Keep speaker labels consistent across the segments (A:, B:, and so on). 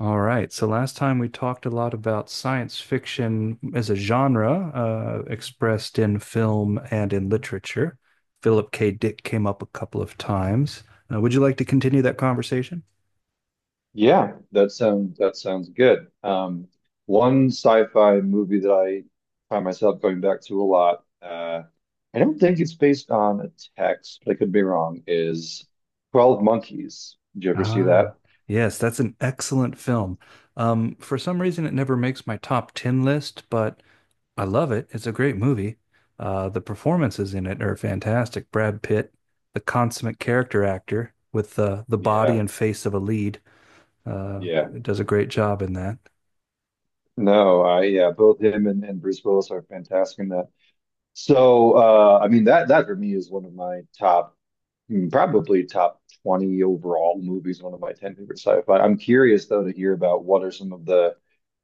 A: All right. So last time we talked a lot about science fiction as a genre, expressed in film and in literature. Philip K. Dick came up a couple of times. Would you like to continue that conversation?
B: Yeah, that sounds good. One sci-fi movie that I find myself going back to a lot, I don't think it's based on a text, but I could be wrong, is 12 Monkeys. Did you ever see that?
A: Ah, yes, that's an excellent film. For some reason, it never makes my top 10 list, but I love it. It's a great movie. The performances in it are fantastic. Brad Pitt, the consummate character actor with the body
B: Yeah,
A: and face of a lead, uh,
B: yeah.
A: does a great job in that.
B: No, I yeah, both him and, Bruce Willis are fantastic in that. So I mean that for me is one of my top, mm, probably top 20 overall movies, one of my 10 favorite sci-fi. I'm curious though to hear about what are some of the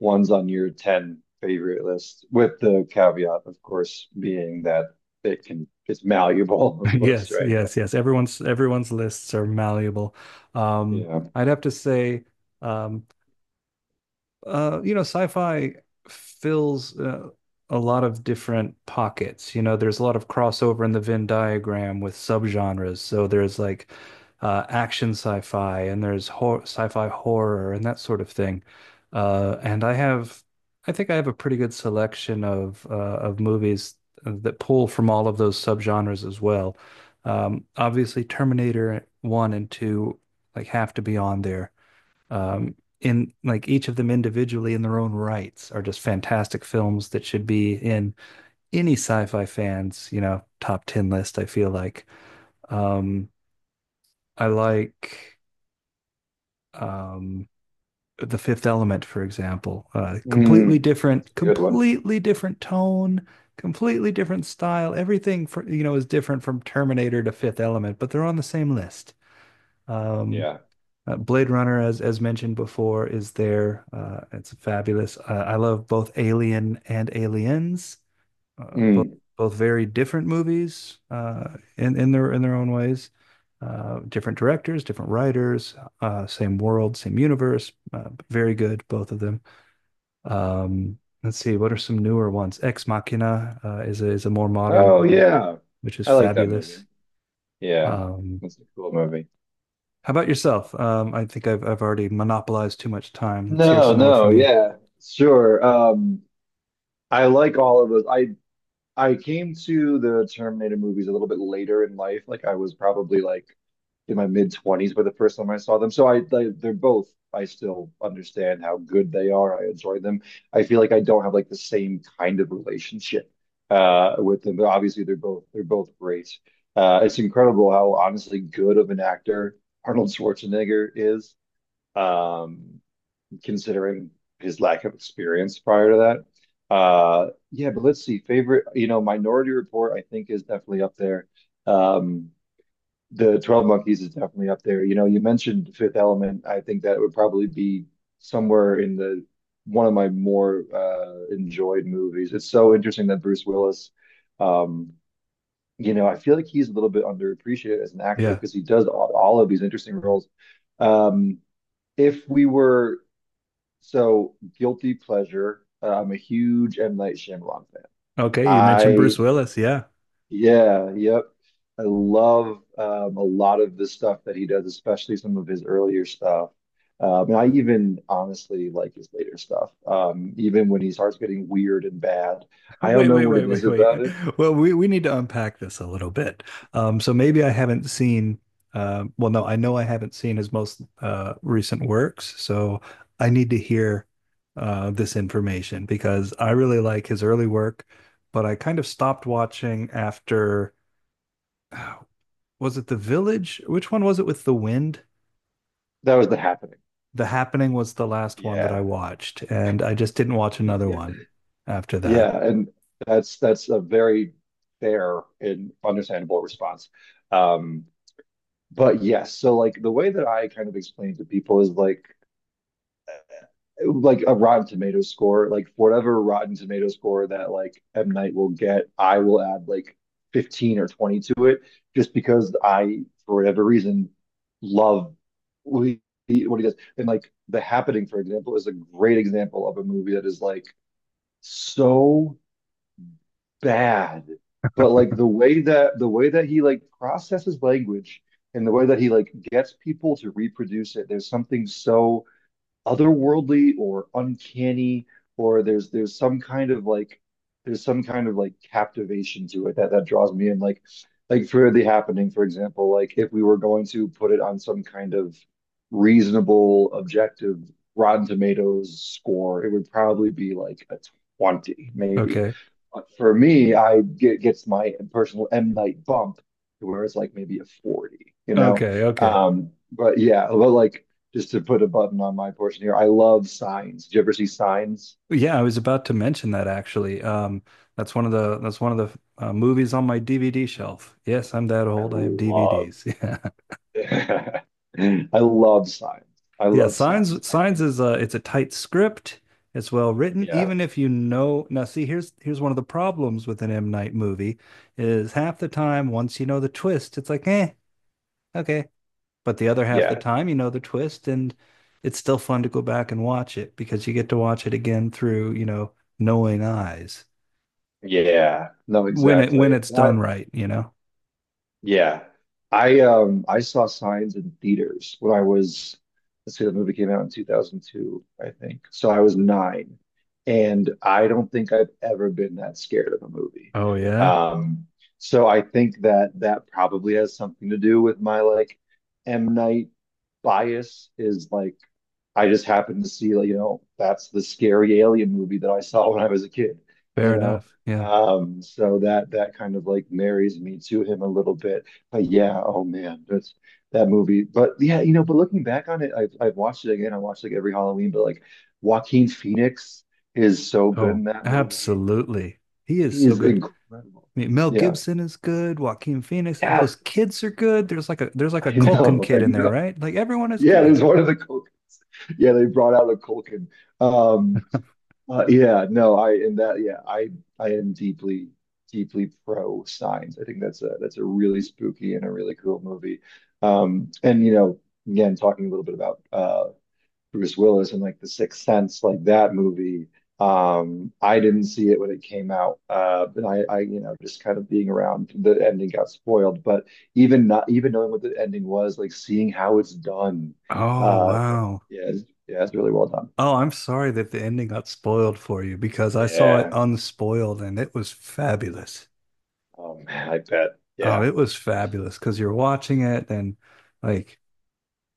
B: ones on your 10 favorite list, with the caveat, of course, being that it's malleable, of course,
A: Yes,
B: right? But
A: yes, yes. Everyone's lists are malleable. Um,
B: yeah.
A: I'd have to say, um, you know, sci-fi fills a lot of different pockets. You know, there's a lot of crossover in the Venn diagram with subgenres. So there's like action sci-fi and there's hor sci-fi horror and that sort of thing. Uh, and I have, I think I have a pretty good selection of movies that pull from all of those subgenres as well. Obviously, Terminator 1 and 2 like have to be on there, um, in like each of them individually in their own rights are just fantastic films that should be in any sci-fi fans, you know, top 10 list, I feel like. Um, I like um, The Fifth Element, for example.
B: Mm, it's a good one.
A: Completely different tone, completely different style. Everything for, you know, is different from Terminator to Fifth Element, but they're on the same list. Um,
B: Yeah.
A: Blade Runner, as mentioned before, is there. It's fabulous. I love both Alien and Aliens, both
B: Mm.
A: both very different movies in in their own ways. Different directors, different writers, same world, same universe. Very good, both of them. Um, let's see, what are some newer ones? Ex Machina is a more modern
B: Oh
A: movie,
B: yeah.
A: which is
B: I like that movie.
A: fabulous.
B: Yeah.
A: Um,
B: It's a cool movie.
A: How about yourself? I think I've already monopolized too much time. Let's hear
B: No,
A: some more
B: no,
A: from you.
B: yeah. Sure. I like all of those. I came to the Terminator movies a little bit later in life. Like I was probably like in my mid twenties by the first time I saw them. So I they, they're both. I still understand how good they are. I enjoy them. I feel like I don't have like the same kind of relationship with them, but obviously they're both great. It's incredible how honestly good of an actor Arnold Schwarzenegger is. Um, considering his lack of experience prior to that. Yeah, but let's see. Favorite, you know, Minority Report, I think, is definitely up there. Um, the 12 Monkeys is definitely up there. You know, you mentioned Fifth Element. I think that would probably be somewhere in the one of my more enjoyed movies. It's so interesting that Bruce Willis, um, you know, I feel like he's a little bit underappreciated as an actor
A: Yeah.
B: because he does all of these interesting roles. Um, if we were so guilty pleasure. I'm a huge M. Night Shyamalan fan.
A: Okay, you mentioned
B: I
A: Bruce Willis. Yeah.
B: yeah, yep. I love a lot of the stuff that he does, especially some of his earlier stuff. And I even honestly like his later stuff. Even when he starts getting weird and bad, I don't
A: Wait,
B: know
A: wait,
B: what
A: wait,
B: it is
A: wait, wait.
B: about it.
A: Well, we need to unpack this a little bit. So maybe I haven't seen well, no, I know I haven't seen his most recent works, so I need to hear this information because I really like his early work, but I kind of stopped watching after was it The Village? Which one was it with the wind?
B: That was The Happening.
A: The Happening was the last one that I
B: Yeah,
A: watched, and I just didn't watch another
B: yeah,
A: one after that.
B: yeah. And that's a very fair and understandable response. Um, But yes, so like the way that I kind of explain to people is like a Rotten Tomatoes score, like for whatever Rotten Tomatoes score that like M. Night will get, I will add like 15 or 20 to it just because I, for whatever reason, love what what he does. And like The Happening, for example, is a great example of a movie that is like so bad. But like the way that he like processes language and the way that he like gets people to reproduce it, there's something so otherworldly or uncanny or there's some kind of like, there's some kind of like captivation to it that draws me in. Like for the happening for example, like if we were going to put it on some kind of reasonable objective Rotten Tomatoes score, it would probably be like a 20 maybe.
A: Okay.
B: But for me I get gets my personal M Night bump to where it's like maybe a 40, you know.
A: Okay, okay.
B: But yeah, but like just to put a button on my portion here, I love signs. Did you ever see signs?
A: Yeah, I was about to mention that actually. That's one of the that's one of the movies on my DVD shelf. Yes, I'm that
B: I
A: old. I have
B: love,
A: DVDs. Yeah.
B: I love signs. I
A: Yeah,
B: love signs.
A: Signs
B: I
A: Signs
B: think,
A: is a it's a tight script. It's well written,
B: yeah,
A: even if you know. Now, see, here's one of the problems with an M. Night movie is half the time once you know the twist, it's like, eh, okay. But the other half of the
B: yeah,
A: time, you know the twist, and it's still fun to go back and watch it because you get to watch it again through, you know, knowing eyes
B: yeah. No,
A: when
B: exactly.
A: it's done right, you know.
B: Yeah. I saw Signs in theaters when I was, let's see, the movie came out in 2002, I think. So I was nine. And I don't think I've ever been that scared of a movie.
A: Oh yeah,
B: Um so I think that that probably has something to do with my like M. Night bias is like, I just happened to see, like, you know, that's the scary alien movie that I saw when I was a kid,
A: fair
B: you know?
A: enough. Yeah.
B: So that that kind of like marries me to him a little bit. But yeah, oh man, that movie. But yeah, you know, but looking back on it, I've watched it again. I watched like every Halloween, but like Joaquin Phoenix is so good
A: Oh,
B: in that movie.
A: absolutely. He is
B: He
A: so
B: is
A: good.
B: incredible.
A: I mean, Mel
B: Yeah.
A: Gibson is good. Joaquin Phoenix.
B: Yeah,
A: Those kids are good. There's like a
B: I
A: Culkin
B: know, I
A: kid in there,
B: know.
A: right? Like everyone is
B: Yeah, there's
A: good.
B: one of the yeah, they brought out a Culkin. Um, yeah, no, I and that yeah, I am deeply, deeply pro signs. I think that's a really spooky and a really cool movie. And you know, again, talking a little bit about Bruce Willis and like The Sixth Sense, like that movie. I didn't see it when it came out, but I, you know, just kind of being around, the ending got spoiled. But even not even knowing what the ending was, like seeing how it's done,
A: Oh
B: uh,
A: wow.
B: yeah, it's really well done.
A: Oh, I'm sorry that the ending got spoiled for you because I saw it
B: Yeah.
A: unspoiled and it was fabulous.
B: Oh man, I bet.
A: Oh,
B: Yeah.
A: it was fabulous because you're watching it and like,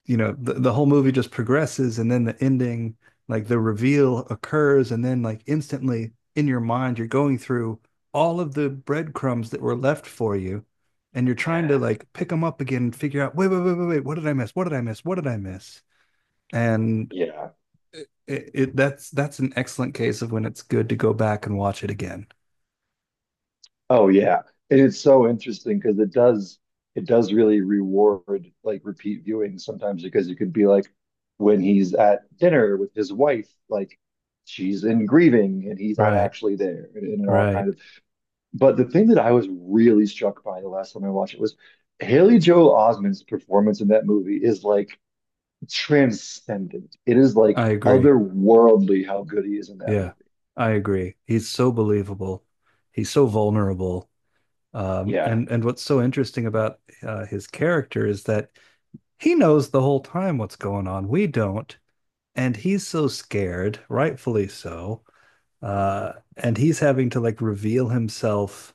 A: you know, the whole movie just progresses and then the ending, like the reveal occurs and then like instantly in your mind you're going through all of the breadcrumbs that were left for you and you're trying to like pick them up again and figure out, wait, wait, wait, wait, wait, what did I miss? What did I miss? What did I miss? And
B: Yeah.
A: it that's an excellent case of when it's good to go back and watch it again.
B: Oh yeah. And it's so interesting because it does really reward like repeat viewing sometimes because it could be like when he's at dinner with his wife, like she's in grieving and he's not
A: Right,
B: actually there and all
A: right.
B: kind of, but the thing that I was really struck by the last time I watched it was Haley Joel Osment's performance in that movie is like transcendent. It is like
A: I agree.
B: otherworldly how good he is in that movie.
A: Yeah, I agree. He's so believable. He's so vulnerable.
B: Yeah.
A: And what's so interesting about his character is that he knows the whole time what's going on. We don't, and he's so scared, rightfully so. And he's having to like reveal himself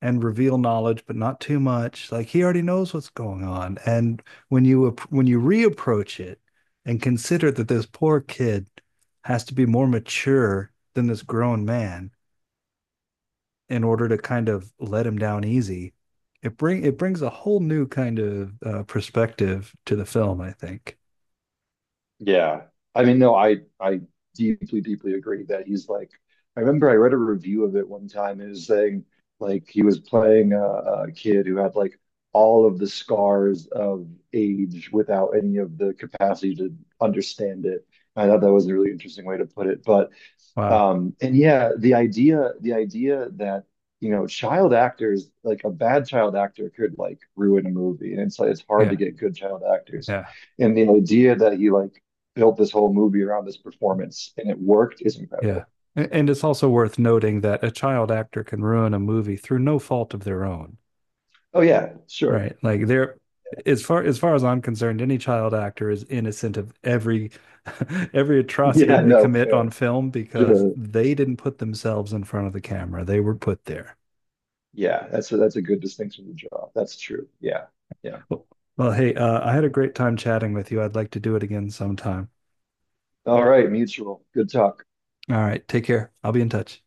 A: and reveal knowledge, but not too much. Like he already knows what's going on. And when you reapproach it and consider that this poor kid has to be more mature than this grown man in order to kind of let him down easy, it brings a whole new kind of perspective to the film. I think.
B: Yeah. I mean, no, I deeply, deeply agree that he's like, I remember I read a review of it one time and it was saying like he was playing a kid who had like all of the scars of age without any of the capacity to understand it. I thought that was a really interesting way to put it. But
A: Wow.
B: and yeah, the idea that, you know, child actors, like a bad child actor could like ruin a movie. And it's like it's hard to
A: Yeah.
B: get good child actors.
A: Yeah.
B: And the idea that he like built this whole movie around this performance and it worked is
A: Yeah.
B: incredible.
A: And it's also worth noting that a child actor can ruin a movie through no fault of their own.
B: Oh yeah, sure.
A: Right. Like there as far as I'm concerned, any child actor is innocent of every every atrocity
B: Yeah,
A: they
B: no,
A: commit on
B: fair.
A: film because
B: Sure.
A: they didn't put themselves in front of the camera. They were put there.
B: Yeah, that's a good distinction to draw. That's true. Yeah. Yeah.
A: Well, well, hey, I had a great time chatting with you. I'd like to do it again sometime.
B: All right, mutual. Good talk.
A: All right, take care. I'll be in touch.